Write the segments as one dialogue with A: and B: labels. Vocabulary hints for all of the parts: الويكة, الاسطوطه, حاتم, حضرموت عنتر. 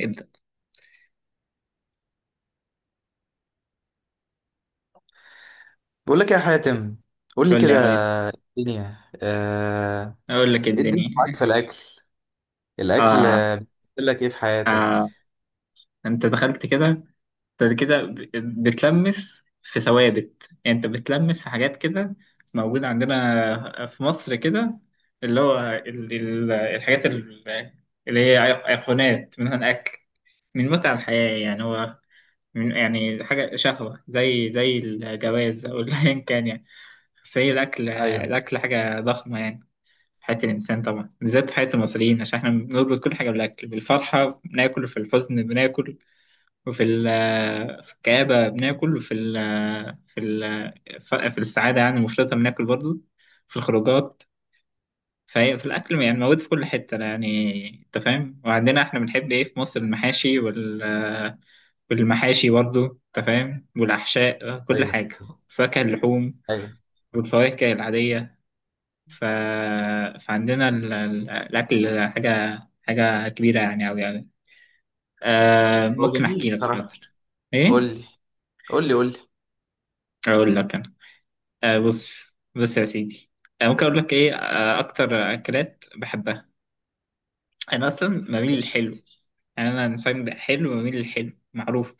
A: ابدأ.
B: بقول لك يا حاتم. قول لي
A: قول لي
B: كده.
A: يا ريس.
B: الدنيا
A: أقول لك
B: ايه الدنيا
A: الدنيا
B: معاك في الاكل؟ الاكل
A: آه
B: بيمثل لك ايه في
A: آه،
B: حياتك؟
A: أنت دخلت كده، أنت كده ب- بتلمس في ثوابت، يعني أنت بتلمس في حاجات كده موجودة عندنا في مصر كده، اللي هو الحاجات اللي هي أيقونات، منها أكل من متع الحياة، يعني هو من يعني حاجة شهوة، زي الجواز أو أيا كان، يعني زي الأكل.
B: ايوه.
A: الأكل حاجة ضخمة يعني حياة الإنسان، طبعا بالذات في حياة المصريين، عشان إحنا بنربط كل حاجة بالأكل، بالفرحة بناكل، في الحزن بناكل، في الكآبة بناكل، وفي ال في ال في السعادة يعني المفرطة بناكل برضو، في الخروجات. فهي في الأكل يعني موجود في كل حتة، يعني أنت فاهم، وعندنا إحنا بنحب إيه في مصر؟ المحاشي والمحاشي برضو، أنت فاهم، والأحشاء، كل
B: ايوه.
A: حاجة، فاكهة اللحوم
B: ايوه.
A: والفواكه العادية. ف... فعندنا الأكل حاجة، حاجة كبيرة يعني أوي يعني. آه
B: هو
A: ممكن
B: جميل
A: أحكي لك،
B: بصراحة.
A: حاضر.
B: قول
A: إيه؟
B: لي. قول لي.
A: أقول لك أنا، آه بص يا سيدي، آه ممكن أقول لك إيه آه أكتر أكلات بحبها. أنا أصلا بميل
B: ماشي.
A: للحلو، يعني أنا إنسان حلو، بميل للحلو، معروف.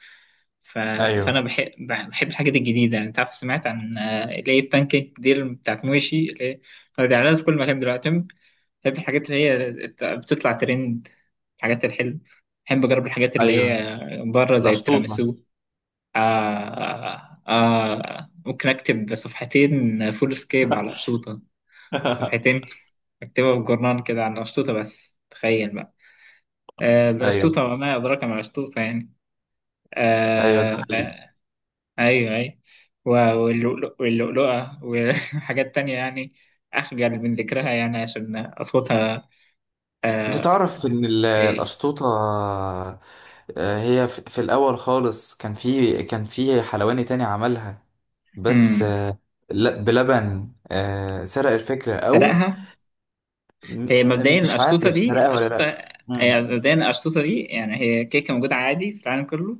A: ف...
B: ايوه.
A: فأنا بحب الحاجات الجديدة، يعني أنت عارف، سمعت عن اللي هي البانكيك دي اللي بتاعت موشي، اللي هي بتعملها في كل مكان دلوقتي. بحب الحاجات اللي هي بتطلع ترند، الحاجات الحلوة. بحب أجرب الحاجات اللي
B: ايوه.
A: هي بره، زي
B: الاسطوطه.
A: التيراميسو. ممكن أكتب صفحتين فول سكيب على أشطوطة. صفحتين أكتبها في جورنال كده عن الأشطوطة، بس تخيل بقى. آه،
B: ايوه.
A: الأشطوطة وما أدراك ما الأشطوطة يعني.
B: ايوه ده
A: آه
B: حقيقي.
A: آه. أيوه أيوه. و- واللؤلؤة وحاجات تانية، يعني أخجل من ذكرها يعني عشان أصواتها.
B: انت
A: آه.
B: تعرف ان الاسطوطه هي في الاول خالص كان في كان في حلواني تاني عملها، بس
A: إيه؟
B: بلبن سرق الفكرة، أو
A: فرقها.
B: م-
A: هي مبدئيا
B: مش
A: الأشطوطة
B: عارف
A: دي
B: سرقة ولا لا.
A: أشطوطة.
B: مم.
A: هي مبدئيا الأشطوطة دي يعني هي كيكة موجودة عادي في العالم كله.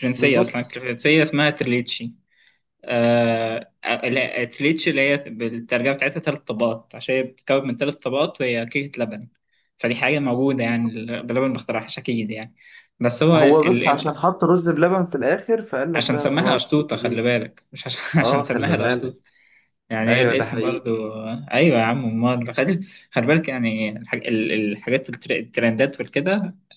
A: فرنسية، أصلا
B: بالظبط.
A: فرنسية، اسمها تريليتشي. آه... لا، تريليتشي اللي هي بالترجمة بتاعتها تلات طبقات، عشان هي بتتكون من تلات طبقات، وهي كيكة لبن. فدي حاجة موجودة يعني،
B: بالظبط.
A: بلبن ما اخترعهاش أكيد يعني. بس هو
B: هو بس عشان حط رز بلبن في الاخر فقال لك
A: عشان
B: بقى
A: سماها
B: خلاص.
A: أشطوطة، خلي بالك، مش عشان عشان
B: اه
A: سماها
B: خلي بالك.
A: الأشطوطة. يعني هي
B: ايوه ده
A: الاسم
B: حقيقي.
A: برضو، ايوه يا عم، امال خلي، خلي بالك يعني الحاجات الترندات والكده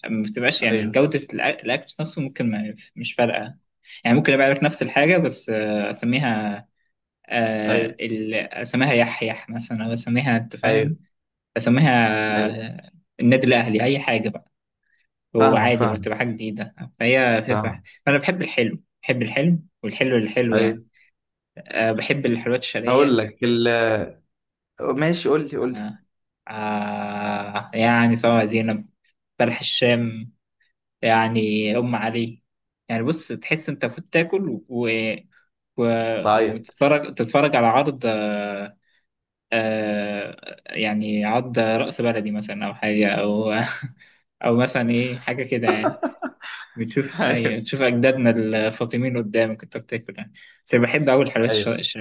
A: ما بتبقاش يعني
B: ايوه.
A: جودة الاكل نفسه، ممكن ما مش فارقة، يعني ممكن ابيع لك نفس الحاجة بس اسميها
B: ايوه.
A: اسميها يحيح مثلا، او اسميها، انت
B: ايوه.
A: فاهم، اسميها
B: ايوه.
A: آه، النادي الاهلي، اي حاجة بقى، هو
B: فاهمك.
A: عادي، ولا
B: فاهمك.
A: تبقى حاجة جديدة، فهي صح.
B: فاهمك.
A: فانا بحب الحلو، والحلو اللي حلو
B: ايوه.
A: يعني. آه، بحب الحلويات
B: هقول
A: الشرقية.
B: لك ماشي. قول لي.
A: آه. آه. يعني سواء زينب، بلح الشام يعني، أم علي يعني، بص تحس أنت فوت تاكل و...
B: بتعيط.
A: وتتفرج، على عرض آه... يعني عرض رأس بلدي مثلا أو حاجة، أو أو مثلا إيه، حاجة كده يعني،
B: ايوه.
A: بتشوف أجدادنا الفاطميين قدامك أنت بتاكل يعني. بس أنا بحب أوي الحلويات
B: ايوه.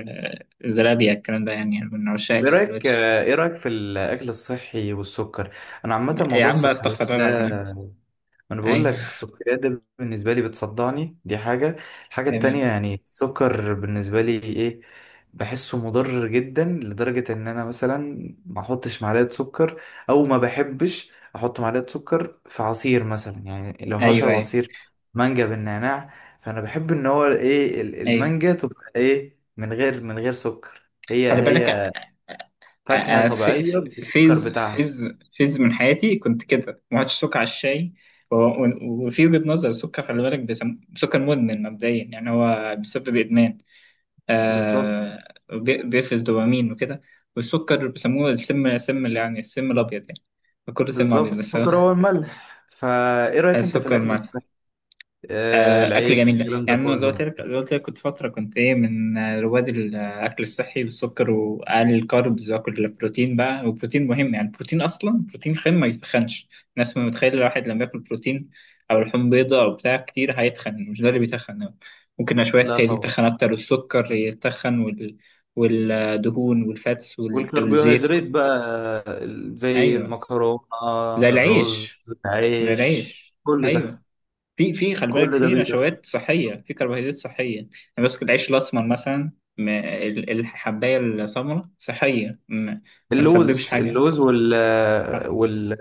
A: الزلابية، الكلام ده يعني، يعني من عشاق
B: ايه
A: الحلويات
B: رايك؟ ايه رايك في الاكل الصحي والسكر؟ انا عامه
A: يا
B: موضوع
A: عم بقى،
B: السكريات
A: استغفر الله
B: ده،
A: العظيم.
B: انا بقول
A: أي
B: لك السكريات ده بالنسبه لي بتصدعني، دي حاجه. الحاجه التانية
A: جميل.
B: يعني السكر بالنسبه لي ايه، بحسه مضر جدا لدرجه ان انا مثلا ما احطش معلقه سكر، او ما بحبش احط معلقه سكر في عصير مثلا. يعني لو
A: ايوه
B: هشرب
A: ايوه
B: عصير مانجا بالنعناع، فانا بحب ان هو ايه
A: ايوه.
B: المانجا تبقى ايه من غير من غير سكر، هي
A: خلي بالك
B: هي فاكهه
A: في
B: طبيعيه
A: في
B: بالسكر
A: فيز
B: بتاعها.
A: فيز فيز من حياتي كنت كده، ما عادش سكر على الشاي. وفي وجهة نظر السكر، خلي بالك، سكر مدمن مبدئيا، يعني هو بيسبب ادمان.
B: بالظبط.
A: آه. بيفرز دوبامين وكده، والسكر بيسموه السم، سم اللي يعني السم الابيض يعني، كله سم
B: بالظبط،
A: ابيض بس هو
B: السكر هو الملح. فايه رايك انت في
A: السكر
B: الاكل
A: مع
B: الصحي،
A: آه، اكل
B: العيش،
A: جميل ده.
B: الكلام ده
A: يعني انا زي ما قلت
B: كله؟
A: لك، كنت فتره كنت ايه من رواد الاكل الصحي، والسكر واقل الكاربز، واكل البروتين بقى، والبروتين مهم يعني. البروتين اصلا بروتين خام ما يتخنش. الناس ما متخيله الواحد لما ياكل بروتين او لحوم بيضاء او بتاع كتير هيتخن. مش ده اللي بيتخن، ممكن شويه
B: لا طبعا.
A: يتخن اكتر، والسكر يتخن والدهون والفاتس والزيت.
B: والكربوهيدرات بقى، آه، زي
A: ايوه.
B: المكرونه،
A: زي
B: الرز،
A: العيش. زي
B: العيش،
A: العيش.
B: كل
A: أيوه.
B: ده.
A: في في خلي بالك،
B: كل ده
A: في
B: بيتاخد.
A: نشويات صحية، في كربوهيدرات صحية يعني، بس العيش الأسمر مثلا، الحباية السمراء صحية، ما تسببش
B: اللوز،
A: حاجة.
B: اللوز وال
A: صح.
B: وال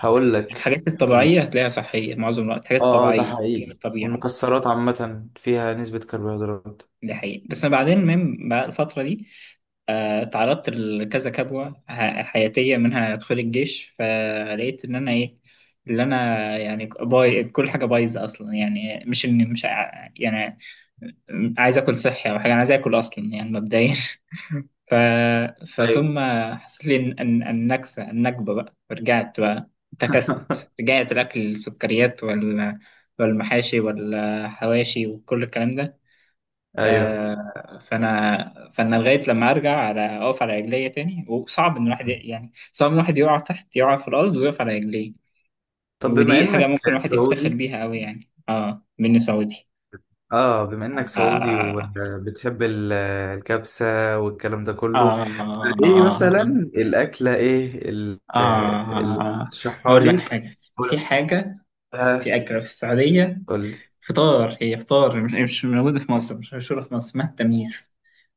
B: هقول لك
A: الحاجات
B: ال-
A: الطبيعية هتلاقيها صحية معظم الوقت، حاجات
B: اه ده
A: طبيعية بتيجي من
B: حقيقي،
A: الطبيعة.
B: والمكسرات عامه فيها نسبه كربوهيدرات.
A: دي حقيقة. بس بعدين من بقى الفترة دي، آه، تعرضت لكذا كبوة حياتية، منها أدخل الجيش، فلقيت إن أنا إيه اللي أنا يعني باي كل حاجة بايظة أصلا، يعني مش إني مش ع- يعني عايز آكل صحي أو حاجة، أنا عايز آكل أصلا يعني مبدئيا ف...
B: ايوه.
A: فثم، حصل لي النكسة النكبة بقى، فرجعت بقى، انتكست، رجعت الأكل، السكريات والمحاشي والحواشي وكل الكلام ده.
B: ايوه.
A: آه، فانا لغايه لما ارجع، على اقف على رجليا تاني. وصعب ان الواحد
B: مم.
A: يعني، صعب ان الواحد يقع تحت، يقع في الارض ويقف على رجليه.
B: طب بما
A: ودي حاجه
B: انك
A: ممكن الواحد يفتخر
B: سعودي،
A: بيها قوي يعني، اه، مني سعودي.
B: اه بما انك سعودي
A: آه
B: وبتحب الكبسة والكلام ده
A: آه
B: كله، فايه
A: آه
B: مثلا الاكلة ايه اللي
A: آه.
B: تشرحها
A: أقول لك
B: لي؟
A: حاجة، في حاجة،
B: قولها.
A: في أكلة في السعودية،
B: قول لي.
A: فطار، هي فطار، مش موجودة في مصر، مش مشهورة في مصر، اسمها التميس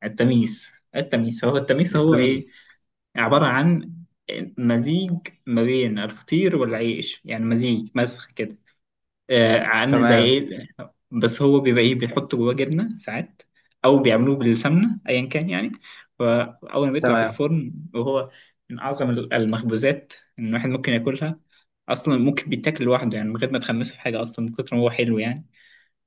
A: التميس التميس، هو التميس هو إيه؟
B: التميس.
A: عبارة عن مزيج ما بين الفطير والعيش، يعني مزيج مسخ كده، آه، عامل زي
B: تمام.
A: ايه، بس هو بيبقى ايه، بيحط جواه جبنة ساعات، او بيعملوه بالسمنة، ايا كان يعني. فاول ما بيطلع في
B: تمام.
A: الفرن، وهو من اعظم المخبوزات، ان الواحد ممكن ياكلها، اصلا ممكن بيتاكل لوحده، يعني من غير ما تخمسه في حاجة اصلا، من كتر ما هو حلو يعني.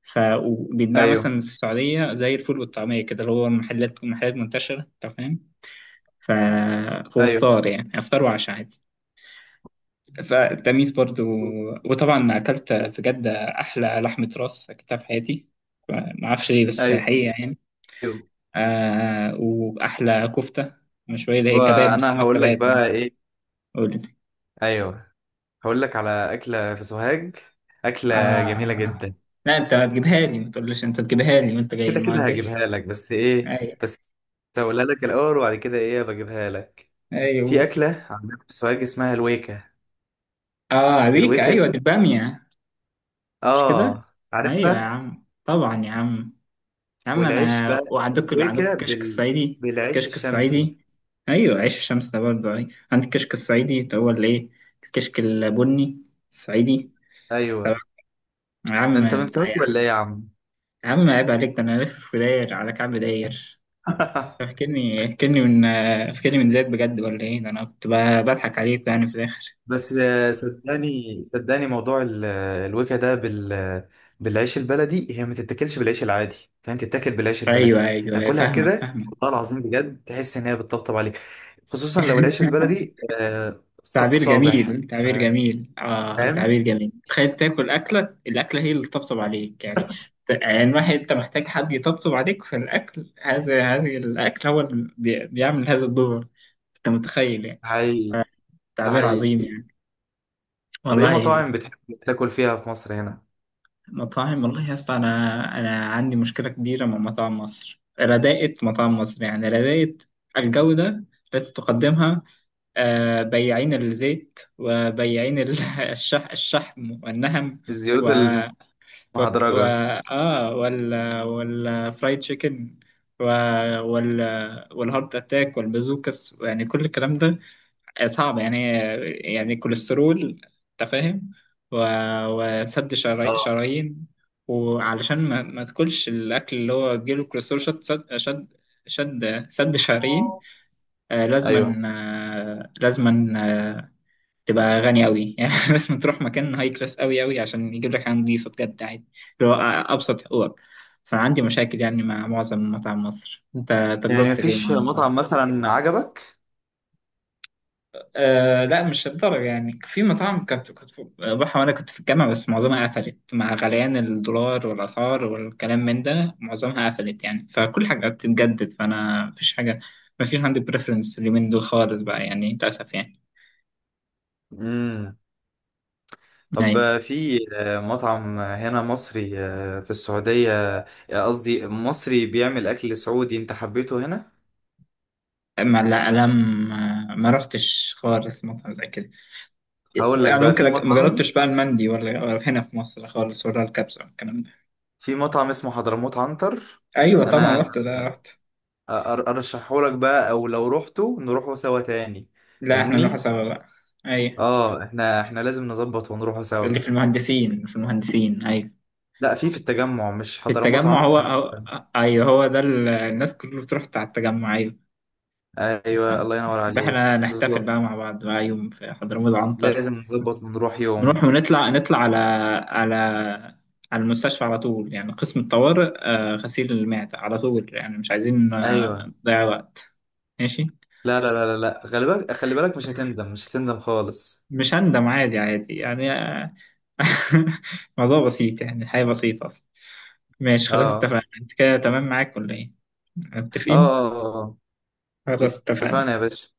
A: ف وبيتباع
B: ايوه.
A: مثلا في السعودية زي الفول والطعمية كده، اللي هو محلات، منتشرة، انت فاهم. ف...
B: ايوه.
A: وفطار يعني، افطار وعشاء عادي. فالتميس برضو. وطبعا اكلت في جدة احلى لحمة راس اكلتها في حياتي، ما اعرفش ليه، بس حقيقة يعني.
B: ايوه.
A: آه واحلى كفتة مشوية، اللي هي كباب،
B: وانا
A: بيسموها
B: هقول لك
A: كباب.
B: بقى ايه.
A: قول لي.
B: ايوه. هقول لك على اكلة في سوهاج، اكلة جميلة
A: آه
B: جدا.
A: لا، انت ما تجيبها لي، ما تقولش، انت تجيبها لي وانت جاي
B: كده
A: المرة
B: كده
A: الجاية.
B: هجيبها لك، بس ايه،
A: ايوه
B: بس هقولها لك الاول، وبعد كده ايه بجيبها لك. في
A: ايوه.
B: أكلة عندنا في السوهاج اسمها الويكة.
A: اه عليك،
B: الويكة
A: ايوه،
B: دي.
A: دي البامية، مش كده؟
B: آه
A: ايوه يا
B: عارفها.
A: عم، طبعا يا عم، يا عم
B: والعيش
A: انا.
B: بقى،
A: وعندك،
B: الويكة
A: الكشك الصعيدي،
B: بالعيش
A: الكشك
B: الشمسي.
A: الصعيدي. ايوه، عيش الشمس ده برضه. ايوه، عندك الكشك الصعيدي، اللي هو الايه، الكشك البني الصعيدي. طبعا
B: أيوه.
A: يا
B: ده
A: عم
B: أنت من سوهاج
A: يا
B: ولا إيه يا عم؟
A: عم، عيب عليك، ده انا لف في داير على كعب داير. فاكرني فاكرني من فاكرني من زيت بجد ولا ايه؟ ده انا كنت بضحك عليك يعني في الاخر.
B: بس صدقني. صدقني موضوع الويكة ده بالعيش البلدي هي ما تتاكلش بالعيش العادي، فاهم؟ تتاكل بالعيش البلدي.
A: ايوه ايوه أيوه،
B: تاكلها
A: فاهمك
B: كده
A: فاهمك.
B: والله العظيم بجد تحس إن هي بتطبطب عليك، خصوصا لو العيش البلدي
A: تعبير
B: صابح.
A: جميل،
B: ف-
A: تعبير جميل، آه
B: فاهم؟
A: تعبير جميل. تخيل تاكل أكلة، الأكلة هي اللي تطبطب عليك يعني، يعني واحد أنت محتاج حد يطبطب عليك في الأكل، هذا الأكل هو اللي بيعمل هذا الدور، أنت متخيل يعني.
B: هاي. ده
A: تعبير عظيم
B: حقيقي.
A: يعني.
B: طب ايه
A: والله.
B: مطاعم بتحب تاكل فيها في مصر هنا؟
A: مطاعم، والله يا اسطى، أنا عندي مشكلة كبيرة مع مطاعم مصر، رداءة مطاعم مصر، يعني رداءة الجودة، لازم تقدمها آه، بياعين الزيت، وبياعين الشحم والنهم،
B: الزيوت
A: و وك- و
B: المهدرجة.
A: اه وال والفرايد تشيكن، و... وال والهارت اتاك والبازوكس، يعني كل الكلام ده صعب يعني، يعني كوليسترول، انت فاهم، و... وسد
B: اه.
A: شرايين. وعلشان ما تاكلش الاكل اللي هو بيجيله كوليسترول، شد شرايين. آه لازما،
B: ايوه.
A: آه، تبقى غني قوي يعني، لازم تروح مكان هاي كلاس قوي قوي، عشان يجيب لك حاجه نظيفه بجد عادي، اللي هو ابسط حقوقك. فعندي مشاكل يعني مع معظم مطاعم مصر، انت
B: يعني
A: تجربتك ايه مع
B: مفيش
A: المطاعم؟
B: مطعم مثلا عجبك؟
A: أه لا مش للدرجه يعني، في مطاعم كانت، كنت بروحها وانا كنت في الجامعه، بس معظمها قفلت مع غليان الدولار والاسعار والكلام من ده، معظمها قفلت يعني، فكل حاجه بتتجدد، فانا مفيش حاجه، مفيش عندي بريفرنس اليومين دول خالص بقى يعني، للاسف يعني.
B: امم.
A: أيوة.
B: طب في مطعم هنا مصري في السعودية، قصدي مصري بيعمل اكل سعودي، انت حبيته هنا؟
A: ما لا ما رحتش خالص مطعم زي كده،
B: هقول لك
A: يعني
B: بقى
A: ممكن
B: في
A: ما
B: مطعم،
A: جربتش بقى المندي، ولا هنا في مصر خالص، ولا الكبسة والكلام ده.
B: في مطعم اسمه حضرموت عنتر.
A: ايوه طبعا رحت،
B: انا
A: ده رحت.
B: أر- ارشحه لك بقى، او لو روحته نروحه سوا تاني،
A: لا احنا نروح
B: فاهمني؟
A: سوا بقى. ايوه.
B: اه، احنا لازم نظبط ونروحه
A: اللي
B: سوا.
A: في المهندسين، ايوه.
B: لا في في التجمع مش
A: في
B: حضرموت
A: التجمع،
B: عنتر.
A: هو ايوه، هو ده الناس كلها بتروح على التجمع، ايوه،
B: ايوه
A: خصوصا.
B: الله ينور
A: يبقى احنا
B: عليك
A: نحتفل
B: بالظبط.
A: بقى مع بعض بقى يوم في حضرموت عنتر.
B: لازم نظبط ونروح
A: نروح
B: يوم.
A: ونطلع، نطلع على على على المستشفى على طول يعني، قسم الطوارئ آه، غسيل المعدة على طول يعني، مش عايزين آه،
B: ايوه.
A: نضيع وقت. ماشي.
B: لا لا لا لا لا، خلي بالك، خلي بالك مش هتندم، مش هتندم خالص.
A: مش هندم، عادي عادي يعني آه، موضوع بسيط يعني، الحياة بسيطة. ماشي
B: اه.
A: خلاص،
B: اه.
A: اتفقنا، انت كده تمام معاك ولا ايه؟
B: اه.
A: متفقين.
B: آه. آه.
A: خلاص اتفقنا.
B: اتفقنا يا باشا.